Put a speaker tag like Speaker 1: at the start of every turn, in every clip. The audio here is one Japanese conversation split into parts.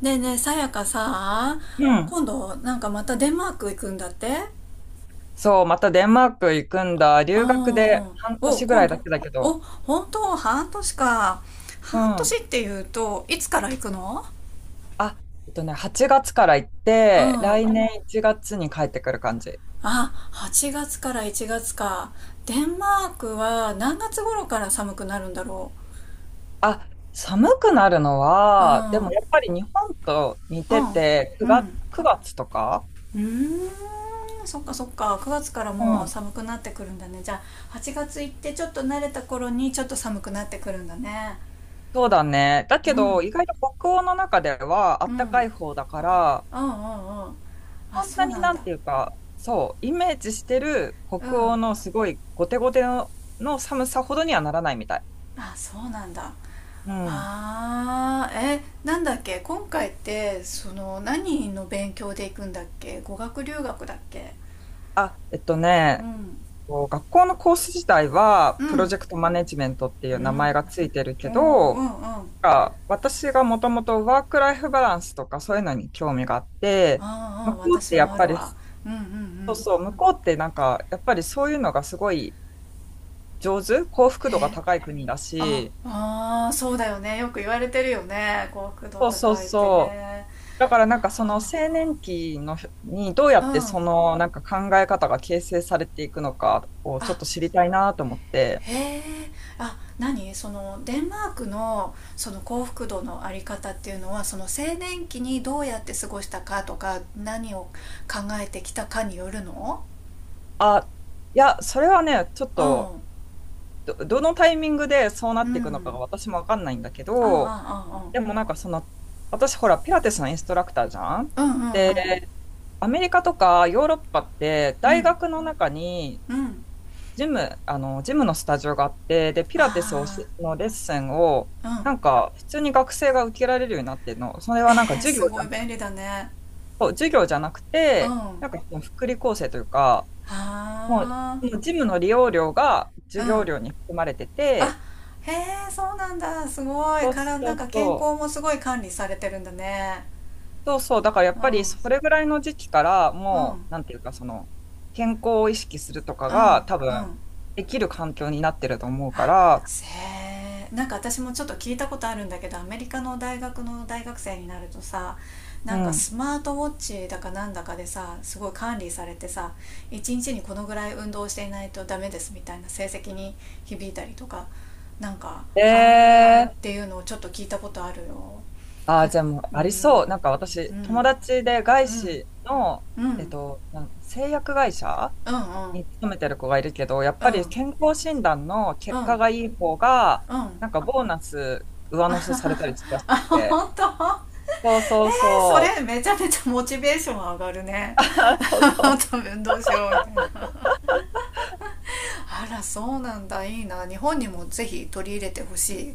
Speaker 1: ねえねえ、さやかさ、
Speaker 2: うん。
Speaker 1: 今度、なんかまたデンマーク行くんだって
Speaker 2: そう、またデンマーク行くんだ。留学で
Speaker 1: あ
Speaker 2: 半
Speaker 1: お、
Speaker 2: 年ぐら
Speaker 1: 今
Speaker 2: いだ
Speaker 1: 度。
Speaker 2: けだけ
Speaker 1: お、
Speaker 2: ど。
Speaker 1: 本当、半年か。
Speaker 2: う
Speaker 1: 半年
Speaker 2: ん。
Speaker 1: っていうと、いつから行くの？
Speaker 2: 8月から行っ
Speaker 1: うん。
Speaker 2: て、
Speaker 1: あ、
Speaker 2: 来年1月に帰ってくる感じ。
Speaker 1: 8月から1月か。デンマークは何月頃から寒くなるんだろ
Speaker 2: あ、寒くなるの
Speaker 1: う。う
Speaker 2: は、で
Speaker 1: ん。う
Speaker 2: も
Speaker 1: ん。
Speaker 2: やっぱり日本と似てて、
Speaker 1: う
Speaker 2: 9月、
Speaker 1: ん。
Speaker 2: 9月とか。
Speaker 1: うーん、そっかそっか。9月から
Speaker 2: う
Speaker 1: もう
Speaker 2: ん。
Speaker 1: 寒くなってくるんだね。じゃあ、8月行ってちょっと慣れた頃にちょっと寒くなってくるんだね。
Speaker 2: そうだね。だ
Speaker 1: うん、
Speaker 2: け
Speaker 1: う
Speaker 2: ど、
Speaker 1: ん、
Speaker 2: 意外と北欧の中では
Speaker 1: うん、うん、う
Speaker 2: 暖かい方だから、
Speaker 1: ん。あ、
Speaker 2: そん
Speaker 1: そ
Speaker 2: な
Speaker 1: う
Speaker 2: に
Speaker 1: なん
Speaker 2: なん
Speaker 1: だ。
Speaker 2: ていうか、そう、イメージしてる
Speaker 1: う
Speaker 2: 北欧
Speaker 1: ん。
Speaker 2: のすごいゴテゴテの、の寒さほどにはならないみたい。
Speaker 1: あ、そうなんだ。
Speaker 2: うん。
Speaker 1: あーえなんだっけ、今回って何の勉強で行くんだっけ？語学留学だっけ？
Speaker 2: あ、えっと
Speaker 1: う
Speaker 2: ね、えっ
Speaker 1: ん、
Speaker 2: と学校のコース自体は、
Speaker 1: う
Speaker 2: プロジ
Speaker 1: ん、
Speaker 2: ェクトマネジメントってい
Speaker 1: う
Speaker 2: う名前
Speaker 1: ん。
Speaker 2: がついてる
Speaker 1: お
Speaker 2: け
Speaker 1: ー、う
Speaker 2: ど、
Speaker 1: ん、うん。
Speaker 2: が私がもともとワークライフバランスとかそういうのに興味があって、
Speaker 1: あー、う
Speaker 2: 向
Speaker 1: ん、
Speaker 2: こうっ
Speaker 1: 私
Speaker 2: てや
Speaker 1: も
Speaker 2: っ
Speaker 1: あ
Speaker 2: ぱ
Speaker 1: る
Speaker 2: り、
Speaker 1: わ。
Speaker 2: そ
Speaker 1: うん、うん、うん。
Speaker 2: 向こうってやっぱりそういうのがすごい上手、幸福度が
Speaker 1: え、
Speaker 2: 高い国だ
Speaker 1: あ
Speaker 2: し、
Speaker 1: あー、そうだよね、よく言われてるよね、幸福度
Speaker 2: そうそう
Speaker 1: 高いって
Speaker 2: そう。
Speaker 1: ね。
Speaker 2: だからその青
Speaker 1: あ
Speaker 2: 年期のにどうや
Speaker 1: ー、う
Speaker 2: って
Speaker 1: ん。
Speaker 2: その考え方が形成されていくのかをちょ
Speaker 1: あ、
Speaker 2: っと知りたいなと思って。
Speaker 1: へえ。あ、何？そのデンマークのその幸福度のあり方っていうのは、その青年期にどうやって過ごしたかとか、何を考えてきたかによるの？
Speaker 2: あ、いや、それはね、ちょっ
Speaker 1: う
Speaker 2: と、
Speaker 1: ん、
Speaker 2: ど、どのタイミングでそうな
Speaker 1: う
Speaker 2: っていくのかが
Speaker 1: ん。
Speaker 2: 私もわかんないんだけど、
Speaker 1: ああ、
Speaker 2: でも私ほら、ピラティスのインストラクターじ
Speaker 1: ああ、ああ、うん、
Speaker 2: ゃん。で、
Speaker 1: うん、うん、
Speaker 2: アメリカとかヨーロッパって、
Speaker 1: う
Speaker 2: 大
Speaker 1: ん、
Speaker 2: 学の中に、
Speaker 1: うん。
Speaker 2: ジムのスタジオがあって、で、ピラティスを
Speaker 1: あ
Speaker 2: しのレッスンを、
Speaker 1: あ、うん。
Speaker 2: 普通に学生が受けられるようになってるの。それ
Speaker 1: え
Speaker 2: はなんか授業
Speaker 1: す
Speaker 2: じ
Speaker 1: ごい便
Speaker 2: ゃ、
Speaker 1: 利だね。
Speaker 2: そう授業じゃなく
Speaker 1: う
Speaker 2: て、
Speaker 1: ん。
Speaker 2: その福利厚生というか、もう、
Speaker 1: ああ、
Speaker 2: そのジムの利用料が
Speaker 1: う
Speaker 2: 授業
Speaker 1: ん。
Speaker 2: 料に含まれて
Speaker 1: あ、
Speaker 2: て、
Speaker 1: へえ、そうなんだ。すごい、
Speaker 2: そう
Speaker 1: から、
Speaker 2: そ
Speaker 1: なん
Speaker 2: う
Speaker 1: か健
Speaker 2: そ
Speaker 1: 康
Speaker 2: う、
Speaker 1: もすごい管理されてるんだね。
Speaker 2: そう、だからや
Speaker 1: う
Speaker 2: っぱり
Speaker 1: ん、
Speaker 2: それぐらいの時期から、
Speaker 1: うん、
Speaker 2: もう、なんていうか、その、健康を意識するとか
Speaker 1: う
Speaker 2: が、多
Speaker 1: ん、う
Speaker 2: 分、
Speaker 1: ん。
Speaker 2: できる環境になってると思うか
Speaker 1: あ、
Speaker 2: ら、
Speaker 1: せなんか私もちょっと聞いたことあるんだけど、アメリカの大学の大学生になるとさ、
Speaker 2: う
Speaker 1: なんか
Speaker 2: ん。
Speaker 1: スマートウォッチだかなんだかでさ、すごい管理されてさ、一日にこのぐらい運動していないとダメですみたいな、成績に響いたりとか、なんか
Speaker 2: え
Speaker 1: ある、っ
Speaker 2: ー、
Speaker 1: ていうのをちょっと聞いたことあるよ。
Speaker 2: あー、
Speaker 1: あ、
Speaker 2: じゃあもう
Speaker 1: う
Speaker 2: ありそ
Speaker 1: ん、
Speaker 2: う。なんか
Speaker 1: う
Speaker 2: 私、友
Speaker 1: ん、
Speaker 2: 達で
Speaker 1: う
Speaker 2: 外
Speaker 1: ん、
Speaker 2: 資の、
Speaker 1: うん、うん、
Speaker 2: 製薬会社
Speaker 1: うん、
Speaker 2: に勤めてる子がいるけど、やっ
Speaker 1: う
Speaker 2: ぱり
Speaker 1: ん、
Speaker 2: 健康診断の
Speaker 1: う
Speaker 2: 結果
Speaker 1: ん、
Speaker 2: がいい方が、
Speaker 1: うん。
Speaker 2: なんかボーナス上乗せされたりするらし
Speaker 1: あ、
Speaker 2: くて。
Speaker 1: 本当？
Speaker 2: そうそう
Speaker 1: そ
Speaker 2: そう。
Speaker 1: れめちゃめちゃモチベーション上がる ね。
Speaker 2: あーそう そ
Speaker 1: 多分、どうしようみたいな。 あら、そうなんだ、いいな、日本にもぜひ取り入れてほしい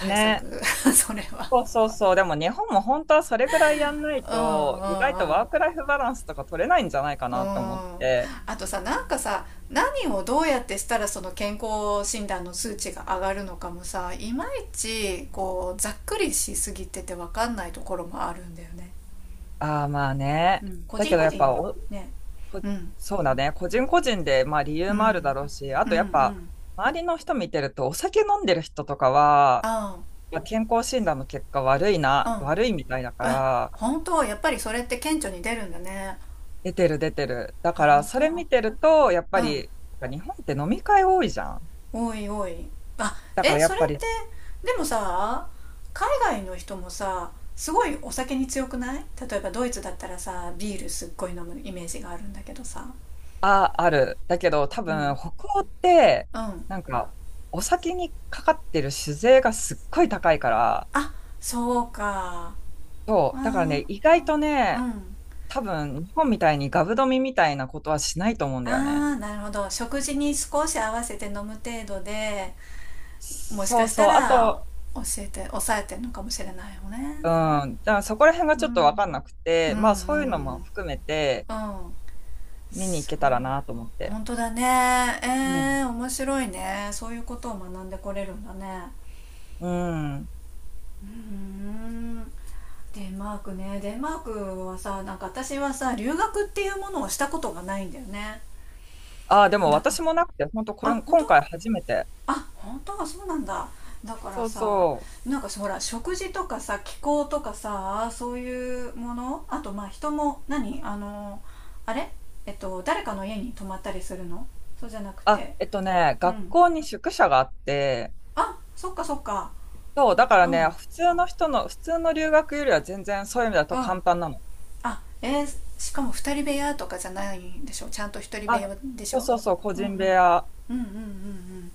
Speaker 2: う。ね。
Speaker 1: 策、 それは。
Speaker 2: そうそうそう。でも日本も本当はそれぐらいやんない
Speaker 1: うん、
Speaker 2: と、意外と
Speaker 1: うん、
Speaker 2: ワークライフバランスとか取れないんじゃないか
Speaker 1: うん、う
Speaker 2: なと思っ
Speaker 1: ん。
Speaker 2: て。
Speaker 1: あとさ、なんかさ、何をどうやってしたらその健康診断の数値が上がるのかもさ、いまいち、ざっくりしすぎてて分かんないところもあるんだよね。
Speaker 2: ああ、まあね。
Speaker 1: うん、個
Speaker 2: だ
Speaker 1: 人
Speaker 2: けど
Speaker 1: 個
Speaker 2: やっ
Speaker 1: 人
Speaker 2: ぱお、
Speaker 1: ね。
Speaker 2: こ
Speaker 1: うん、
Speaker 2: そうだね。個人個人で、まあ理由
Speaker 1: う
Speaker 2: もあるだ
Speaker 1: ん、
Speaker 2: ろうし、あ
Speaker 1: うん、
Speaker 2: と
Speaker 1: う
Speaker 2: やっぱ、
Speaker 1: ん。
Speaker 2: 周りの人見てると、お酒飲んでる人とかは、
Speaker 1: ああ、
Speaker 2: まあ健康診断の結果悪い
Speaker 1: う
Speaker 2: な、悪
Speaker 1: ん。
Speaker 2: いみたいだか
Speaker 1: え、
Speaker 2: ら、
Speaker 1: 本当？やっぱりそれって顕著に出るんだね。
Speaker 2: 出てる出てる。だから
Speaker 1: 本
Speaker 2: それ
Speaker 1: 当？
Speaker 2: 見てると、やっ
Speaker 1: う
Speaker 2: ぱ
Speaker 1: ん。
Speaker 2: り、なんか日本って飲み会多いじゃん。
Speaker 1: おいおい。あ、
Speaker 2: だか
Speaker 1: え、
Speaker 2: らや
Speaker 1: そ
Speaker 2: っ
Speaker 1: れ
Speaker 2: ぱ
Speaker 1: っ
Speaker 2: り、
Speaker 1: て。でもさ、海外の人もさ、すごいお酒に強くない？例えばドイツだったらさ、ビールすっごい飲むイメージがあるんだけどさ。
Speaker 2: あ、ある。だけど多
Speaker 1: う
Speaker 2: 分
Speaker 1: ん、
Speaker 2: 北欧って、
Speaker 1: うん。
Speaker 2: なんかお酒にかかってる酒税がすっごい高いから、
Speaker 1: あ、そうか。
Speaker 2: そ
Speaker 1: あ
Speaker 2: う。だからね、意外と
Speaker 1: ー、う
Speaker 2: ね、
Speaker 1: ん。
Speaker 2: 多分日本みたいにガブ飲みみたいなことはしないと思うんだよね。
Speaker 1: あー、なるほど、食事に少し合わせて飲む程度で、もし
Speaker 2: そ
Speaker 1: か
Speaker 2: う
Speaker 1: した
Speaker 2: そう。あ
Speaker 1: ら、
Speaker 2: と、
Speaker 1: 教えて抑えてるのかもしれないよね。
Speaker 2: うん。だからそこら辺が
Speaker 1: う
Speaker 2: ちょっと分かん
Speaker 1: ん、
Speaker 2: なく
Speaker 1: うん、
Speaker 2: て、
Speaker 1: うん、
Speaker 2: まあそういうのも含めて、
Speaker 1: うん、
Speaker 2: 見に行
Speaker 1: そう、
Speaker 2: けたらなと思って。
Speaker 1: 本当だね。
Speaker 2: うん。
Speaker 1: 面白いね、そういうことを学んでこれるんだね。
Speaker 2: うん。
Speaker 1: うん。デンマークね、デンマークはさ、なんか私はさ、留学っていうものをしたことがないんだよね。
Speaker 2: ああ、でも
Speaker 1: だか
Speaker 2: 私もなくて、本当こ
Speaker 1: ら、あ、
Speaker 2: れ、
Speaker 1: 本当？
Speaker 2: 今回初めて。
Speaker 1: あ、本当はそうなんだ。だから
Speaker 2: そう
Speaker 1: さ、
Speaker 2: そう。
Speaker 1: なんかほら、食事とかさ、気候とかさ、そういうもの、あと、まあ人も。何、あのあれえっと誰かの家に泊まったりするの？そうじゃなく
Speaker 2: あ、
Speaker 1: て。
Speaker 2: えっとね、
Speaker 1: う
Speaker 2: 学
Speaker 1: ん。
Speaker 2: 校に宿舎があって、
Speaker 1: あ、そっかそっか。
Speaker 2: そう、だから
Speaker 1: うん、う
Speaker 2: ね、普通の留学よりは全然そういう意味だと簡
Speaker 1: ん。
Speaker 2: 単なの。
Speaker 1: あ、しかも二人部屋とかじゃないんでしょ、ちゃんと一人部
Speaker 2: あ、
Speaker 1: 屋でし
Speaker 2: そう
Speaker 1: ょ？
Speaker 2: そうそう、個
Speaker 1: うん、うん、うん、
Speaker 2: 人部屋。
Speaker 1: うん、うん、うん。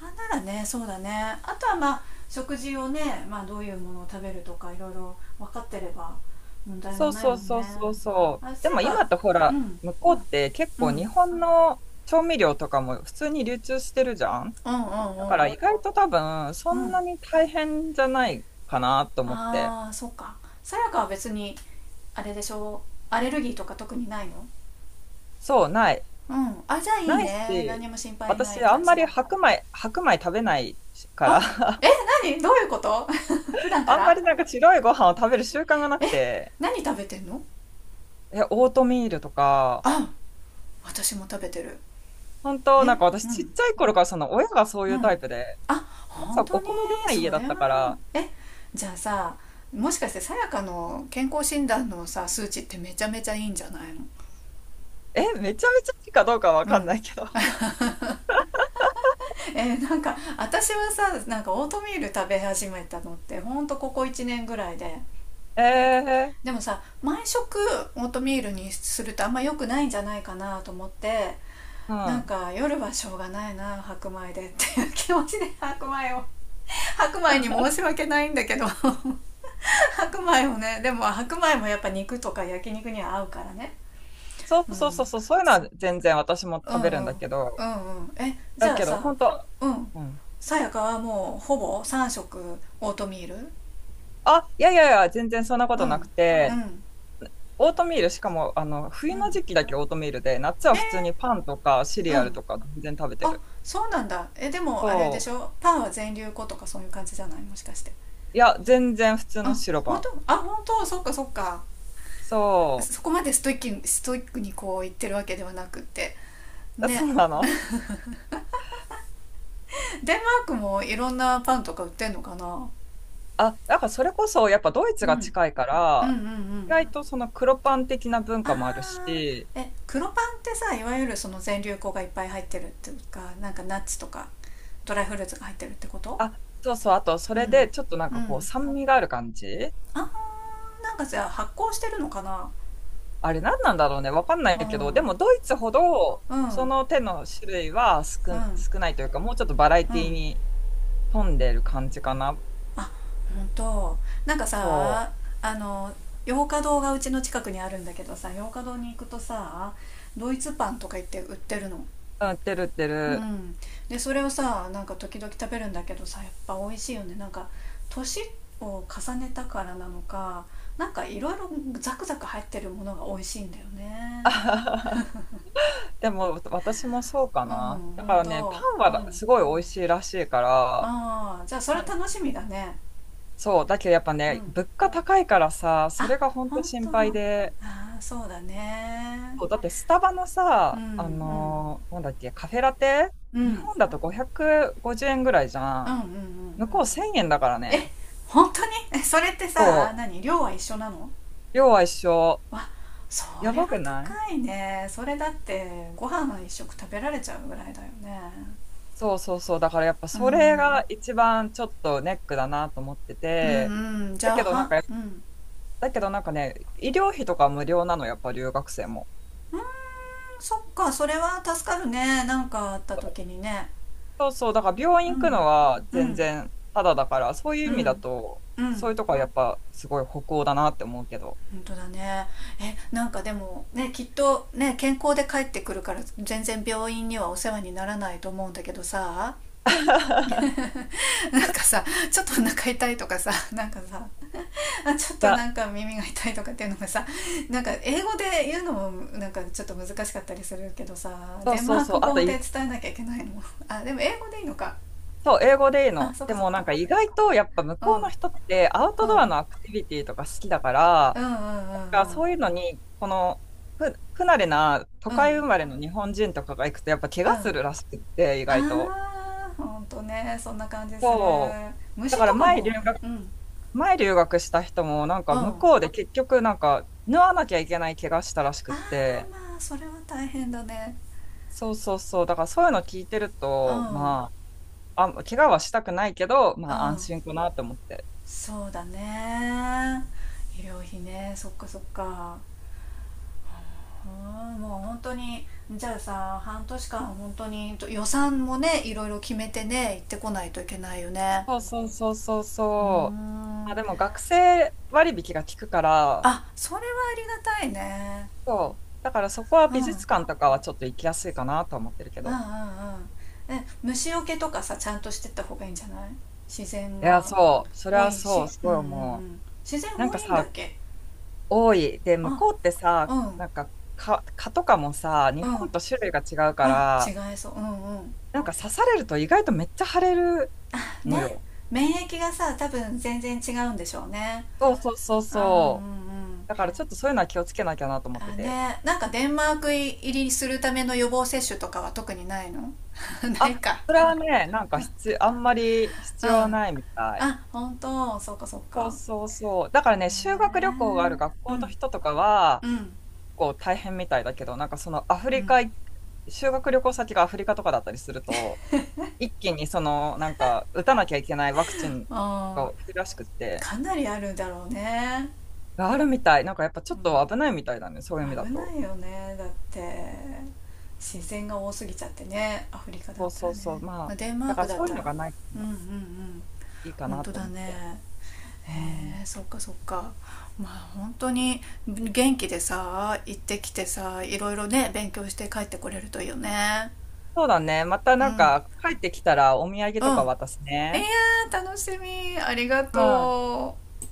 Speaker 1: あ、ならね、そうだね。あとはまあ、食事をね、まあ、どういうものを食べるとかいろいろ分かってれば問題
Speaker 2: そ
Speaker 1: も
Speaker 2: う
Speaker 1: ない
Speaker 2: そう
Speaker 1: もんね。
Speaker 2: そうそうそう。
Speaker 1: あ、
Speaker 2: で
Speaker 1: さ
Speaker 2: も
Speaker 1: や
Speaker 2: 今
Speaker 1: か。
Speaker 2: ってほ
Speaker 1: う
Speaker 2: ら、
Speaker 1: ん、
Speaker 2: 向こうって結
Speaker 1: うん、う
Speaker 2: 構日
Speaker 1: ん、
Speaker 2: 本の調味料とかも普通に流通してるじゃん。
Speaker 1: うん、
Speaker 2: だか
Speaker 1: う
Speaker 2: ら意
Speaker 1: ん、
Speaker 2: 外と多分、そ
Speaker 1: う
Speaker 2: ん
Speaker 1: ん。
Speaker 2: なに大変じゃないかなと思って。
Speaker 1: ああー、そうか。さやかは別に、あれでしょう、アレルギーとか特にないの？
Speaker 2: そう、ない。
Speaker 1: うん。あ、じゃあいい
Speaker 2: ない
Speaker 1: ね、何
Speaker 2: し、
Speaker 1: も心配な
Speaker 2: 私、
Speaker 1: い
Speaker 2: あ
Speaker 1: 感
Speaker 2: んま
Speaker 1: じ。
Speaker 2: り白米、白米食べないから、
Speaker 1: あ、 え、何、どういうこと？ 普段か
Speaker 2: あんま
Speaker 1: ら？
Speaker 2: りなんか白いご飯を食べる習慣がなく
Speaker 1: え、
Speaker 2: て、
Speaker 1: 何食べてんの？
Speaker 2: え、オートミールとか、
Speaker 1: あ、私も食べてる。
Speaker 2: 本当
Speaker 1: え、
Speaker 2: なんか
Speaker 1: う
Speaker 2: 私ちっ
Speaker 1: ん、
Speaker 2: ちゃい頃からその親がそう
Speaker 1: う
Speaker 2: いうタイ
Speaker 1: ん。
Speaker 2: プで、
Speaker 1: あ、
Speaker 2: 朝
Speaker 1: 本当
Speaker 2: お
Speaker 1: に？
Speaker 2: 米出ない家
Speaker 1: そ
Speaker 2: だ
Speaker 1: れ
Speaker 2: ったか
Speaker 1: はいい。
Speaker 2: ら、
Speaker 1: え、じゃあさ、もしかしてさやかの健康診断のさ、数値ってめちゃめちゃいいんじゃないの？
Speaker 2: え、めちゃめちゃいいかどうかわ
Speaker 1: う
Speaker 2: かんな
Speaker 1: ん。
Speaker 2: いけど。
Speaker 1: なんか私はさ、なんかオートミール食べ始めたのってほんとここ1年ぐらいで、
Speaker 2: えー、
Speaker 1: でもさ、毎食オートミールにするとあんま良くないんじゃないかなと思って、
Speaker 2: う
Speaker 1: なん
Speaker 2: ん。
Speaker 1: か夜はしょうがないな、白米でっていう気持ちで白米に申し訳ないんだけど。 白米もね、でも白米もやっぱ肉とか焼肉には合うからね。
Speaker 2: そ
Speaker 1: う
Speaker 2: うそうそう
Speaker 1: ん、
Speaker 2: そう、そういうのは全然私も
Speaker 1: うん、
Speaker 2: 食
Speaker 1: うん、
Speaker 2: べ
Speaker 1: う
Speaker 2: る
Speaker 1: ん、
Speaker 2: ん
Speaker 1: うん。
Speaker 2: だけど、
Speaker 1: え、じ
Speaker 2: だ
Speaker 1: ゃあ
Speaker 2: けど
Speaker 1: さ。
Speaker 2: 本当、
Speaker 1: うん、
Speaker 2: うん。
Speaker 1: さやかはもうほぼ3食オートミール？
Speaker 2: あ、いやいやいや、全然そんなこ
Speaker 1: う
Speaker 2: となく
Speaker 1: ん、う
Speaker 2: て、
Speaker 1: ん、
Speaker 2: オートミール、しかも、
Speaker 1: う
Speaker 2: 冬の
Speaker 1: ん。
Speaker 2: 時期だけオートミールで、夏は普通に
Speaker 1: え
Speaker 2: パンとかシリ
Speaker 1: う
Speaker 2: アル
Speaker 1: ん。
Speaker 2: とか全然食べて
Speaker 1: あ、
Speaker 2: る。
Speaker 1: そうなんだ。え、でもあれで
Speaker 2: そ
Speaker 1: し
Speaker 2: う。
Speaker 1: ょ、パンは全粒粉とかそういう感じじゃない、もしかして。
Speaker 2: いや、全然普通の
Speaker 1: あ、
Speaker 2: 白パ
Speaker 1: 本
Speaker 2: ン。
Speaker 1: 当？あ、本当？そっかそっか。
Speaker 2: そ
Speaker 1: そこまでストイックに、ストイックにこう言ってるわけではなくって
Speaker 2: う。そ
Speaker 1: ね。
Speaker 2: うなの。
Speaker 1: デンマークもいろんなパンとか売ってんのかな。
Speaker 2: あ、なんかそれこそ、やっぱドイツ
Speaker 1: うん、
Speaker 2: が
Speaker 1: うん、
Speaker 2: 近いか
Speaker 1: うん、う
Speaker 2: ら、意
Speaker 1: ん。
Speaker 2: 外とその黒パン的な文
Speaker 1: あ
Speaker 2: 化もあるし、
Speaker 1: ーえ黒パンってさ、いわゆるその全粒粉がいっぱい入ってるっていうか、なんかナッツとかドライフルーツが入ってるってこと？
Speaker 2: あ、そうそう、あとそ
Speaker 1: う
Speaker 2: れで
Speaker 1: ん、
Speaker 2: ちょっとなん
Speaker 1: う
Speaker 2: かこう
Speaker 1: ん。
Speaker 2: 酸味がある感じ。
Speaker 1: あー、なんかじゃあ発酵してるのかな。
Speaker 2: あれ何なんだろうね、わかんな
Speaker 1: う
Speaker 2: いけど、で
Speaker 1: ん、
Speaker 2: もドイツほど
Speaker 1: うん、うん、う
Speaker 2: そ
Speaker 1: ん。
Speaker 2: の手の種類は少ないというか、もうちょっとバラエティに富んでる感じかな。
Speaker 1: あ、ほんと。なんか
Speaker 2: そ
Speaker 1: さ、あの洋華堂がうちの近くにあるんだけどさ、洋華堂に行くとさ、ドイツパンとか言って売ってるの。
Speaker 2: う。うん、売ってる売って
Speaker 1: う
Speaker 2: る。
Speaker 1: ん。でそれをさ、なんか時々食べるんだけどさ、やっぱ美味しいよね、なんか年を重ねたからなのか、なんかいろいろザクザク入ってるものが美味しいんだよ
Speaker 2: あ
Speaker 1: ね。
Speaker 2: はは。でも私もそうか
Speaker 1: うん、
Speaker 2: な。だ
Speaker 1: ほ
Speaker 2: か
Speaker 1: ん
Speaker 2: らね、パ
Speaker 1: と、
Speaker 2: ン
Speaker 1: う
Speaker 2: は
Speaker 1: ん。
Speaker 2: すごい美味しいらしいから、
Speaker 1: ああ、じゃあそれ
Speaker 2: まあ
Speaker 1: 楽しみだね。
Speaker 2: そう、だけどやっぱ
Speaker 1: う
Speaker 2: ね、
Speaker 1: ん。
Speaker 2: 物価高いからさ、そ
Speaker 1: あ、
Speaker 2: れが本当
Speaker 1: 本当。
Speaker 2: 心配で、
Speaker 1: ああー、そうだね。
Speaker 2: そう、だってスタバの
Speaker 1: うん、
Speaker 2: さ、
Speaker 1: うん、
Speaker 2: なんだっけ、カフェラテ、
Speaker 1: うん、う
Speaker 2: 日
Speaker 1: ん、
Speaker 2: 本だと550円ぐらいじ
Speaker 1: う
Speaker 2: ゃ
Speaker 1: ん、う
Speaker 2: ん。
Speaker 1: ん。
Speaker 2: 向こう1000円だからね。
Speaker 1: え、本当に？え、 それってさ、
Speaker 2: そ
Speaker 1: 何、量は一緒なの？
Speaker 2: う、量は一緒。
Speaker 1: わ、そ
Speaker 2: や
Speaker 1: りゃ
Speaker 2: ばくない？
Speaker 1: 高いね、それだってご飯が一食食べられちゃうぐらいだよね。
Speaker 2: そうそうそう。だからやっぱ
Speaker 1: う
Speaker 2: それ
Speaker 1: ん、
Speaker 2: が一番ちょっとネックだなと思って
Speaker 1: うん、
Speaker 2: て、
Speaker 1: うん。じ
Speaker 2: だ
Speaker 1: ゃあ
Speaker 2: けどなん
Speaker 1: は、
Speaker 2: か、
Speaker 1: うん、う
Speaker 2: だけどなんかね、医療費とか無料なの、やっぱ留学生も。
Speaker 1: ーん。そっか、それは助かるね、なんかあった時にね。
Speaker 2: そうそう、だから病
Speaker 1: う
Speaker 2: 院行く
Speaker 1: ん、
Speaker 2: のは
Speaker 1: う
Speaker 2: 全
Speaker 1: ん、
Speaker 2: 然ただだから、そういう
Speaker 1: う
Speaker 2: 意味だ
Speaker 1: ん、
Speaker 2: と、
Speaker 1: う
Speaker 2: そうい
Speaker 1: ん。
Speaker 2: うとこはやっぱすごい北欧だなって思うけど。
Speaker 1: 本当だね。え、なんかでもね、きっとね、健康で帰ってくるから、全然病院にはお世話にならないと思うんだけどさ、 なんかさ、ちょっとお腹痛いとかさ、なんかさ、 あ、ちょっ
Speaker 2: い
Speaker 1: と
Speaker 2: や、
Speaker 1: なんか耳が痛いとかっていうのがさ、なんか英語で言うのもなんかちょっと難しかったりするけどさ、
Speaker 2: そう
Speaker 1: デン
Speaker 2: そ
Speaker 1: マ
Speaker 2: う
Speaker 1: ー
Speaker 2: そ
Speaker 1: ク
Speaker 2: う。あと
Speaker 1: 語で
Speaker 2: い、
Speaker 1: 伝えなきゃいけないの？ あ、でも英語でいいのか。
Speaker 2: そう、英語でいい
Speaker 1: あ、
Speaker 2: の。
Speaker 1: そっ
Speaker 2: で
Speaker 1: かそっ
Speaker 2: もな
Speaker 1: か。
Speaker 2: んか意外とやっぱ向
Speaker 1: う
Speaker 2: こうの人っ
Speaker 1: ん、
Speaker 2: てアウト
Speaker 1: う
Speaker 2: ド
Speaker 1: ん、
Speaker 2: アのアクティビティとか好きだか
Speaker 1: う
Speaker 2: ら、
Speaker 1: ん、うん、うん、
Speaker 2: なんか
Speaker 1: うん、
Speaker 2: そういうのに、この不慣れな都
Speaker 1: うん、う
Speaker 2: 会生まれの日本人とかが行くとやっぱ怪
Speaker 1: ん。
Speaker 2: 我するらしくって、意外と。
Speaker 1: あー、ほんとね、そんな感じする。
Speaker 2: そう。だ
Speaker 1: 虫
Speaker 2: から
Speaker 1: とか
Speaker 2: 前留
Speaker 1: も。
Speaker 2: 学、
Speaker 1: うん、うん。
Speaker 2: 前留学した人も、なんか
Speaker 1: あ
Speaker 2: 向こうで結局、なんか、縫わなきゃいけない怪我したらしくっ
Speaker 1: ら、
Speaker 2: て、
Speaker 1: まあそれは大変だね。
Speaker 2: そうそうそう、だからそういうの聞いてる
Speaker 1: う
Speaker 2: と、
Speaker 1: ん、う
Speaker 2: まあ、怪我はしたくないけど、まあ安心
Speaker 1: ん、
Speaker 2: かなと思って。
Speaker 1: そうだね。医療費ね、そっかそっか。うん、もう本当に、じゃあさ、半年間本当に予算もね、いろいろ決めてね、行ってこないといけないよね。
Speaker 2: そうそうそうそう
Speaker 1: うー
Speaker 2: そう。ま
Speaker 1: ん。
Speaker 2: あ、でも学生割引が効くから、
Speaker 1: あ、それはありがたいね。
Speaker 2: そう。だからそこは
Speaker 1: うん、う
Speaker 2: 美
Speaker 1: ん、うん、う
Speaker 2: 術館とかはちょっと行きやすいかなと思ってるけど。
Speaker 1: ん。え、虫除けとかさ、ちゃんとしてった方がいいんじゃない？自然
Speaker 2: いや、
Speaker 1: が
Speaker 2: そう。それ
Speaker 1: 多
Speaker 2: は
Speaker 1: い
Speaker 2: そう、
Speaker 1: し。
Speaker 2: す
Speaker 1: うん、う
Speaker 2: ごい
Speaker 1: ん、う
Speaker 2: 思う。
Speaker 1: ん。自然
Speaker 2: なん
Speaker 1: 多
Speaker 2: か
Speaker 1: いんだっ
Speaker 2: さ、
Speaker 1: け？
Speaker 2: 多い。で、向
Speaker 1: あ、
Speaker 2: こうってさ、
Speaker 1: うん、うん。
Speaker 2: なんか蚊とかもさ、日本と種類が違うか
Speaker 1: あ、違
Speaker 2: ら、
Speaker 1: いそう。うん、うん、
Speaker 2: なんか刺されると意外とめっちゃ腫れるの
Speaker 1: ね、
Speaker 2: よ。
Speaker 1: 免疫がさ、多分全然違うんでしょうね。
Speaker 2: そうそうそう
Speaker 1: うん、うん、う
Speaker 2: そう。
Speaker 1: ん。
Speaker 2: だからちょっとそういうのは気をつけなきゃなと思って
Speaker 1: あ
Speaker 2: て。
Speaker 1: ね、なんかデンマーク入りするための予防接種とかは特にないの？ ない
Speaker 2: あ、
Speaker 1: か。
Speaker 2: それはね、なんか必あんまり
Speaker 1: う
Speaker 2: 必
Speaker 1: ん。
Speaker 2: 要ないみたい。
Speaker 1: あ、本当、そうかそう
Speaker 2: そう
Speaker 1: か。
Speaker 2: そうそう。だからね、
Speaker 1: へ
Speaker 2: 修学
Speaker 1: え、
Speaker 2: 旅行がある学
Speaker 1: うん、
Speaker 2: 校の人とかは、
Speaker 1: うん、
Speaker 2: 結構大変みたいだけど、なんかそのアフ
Speaker 1: う
Speaker 2: リ
Speaker 1: ん。
Speaker 2: カ、修学旅行先がアフリカとかだったりすると、一気にその、なんか、打たなきゃいけないワクチン
Speaker 1: あ
Speaker 2: が冬らしくっ
Speaker 1: ー、
Speaker 2: て、
Speaker 1: かなりあるだろうね。
Speaker 2: があるみたい。なんかやっぱちょ
Speaker 1: う
Speaker 2: っと危ないみたいだね、そういう意味だ
Speaker 1: ん、危な
Speaker 2: と。
Speaker 1: いよね、だって自然が多すぎちゃってね、アフリカだっ
Speaker 2: そう
Speaker 1: た
Speaker 2: そ
Speaker 1: ら
Speaker 2: うそう。
Speaker 1: ね。
Speaker 2: ま
Speaker 1: ま
Speaker 2: あ、
Speaker 1: あ、デンマー
Speaker 2: だか
Speaker 1: ク
Speaker 2: ら
Speaker 1: だっ
Speaker 2: そういう
Speaker 1: た
Speaker 2: の
Speaker 1: ら。
Speaker 2: がないか
Speaker 1: うん、うん、
Speaker 2: ら
Speaker 1: うん。
Speaker 2: いいか
Speaker 1: 本
Speaker 2: な
Speaker 1: 当
Speaker 2: と
Speaker 1: だ
Speaker 2: 思って。
Speaker 1: ね。
Speaker 2: うん。
Speaker 1: へえ、そっかそっか。まあ本当に、元気でさ、行ってきてさ、いろいろね、勉強して帰ってこれるといいよね。
Speaker 2: そうだね。また
Speaker 1: うん、う
Speaker 2: なん
Speaker 1: ん、
Speaker 2: か、帰ってきたらお土産とか渡す
Speaker 1: いや
Speaker 2: ね。
Speaker 1: ー、楽しみ、ありが
Speaker 2: うん。
Speaker 1: とう。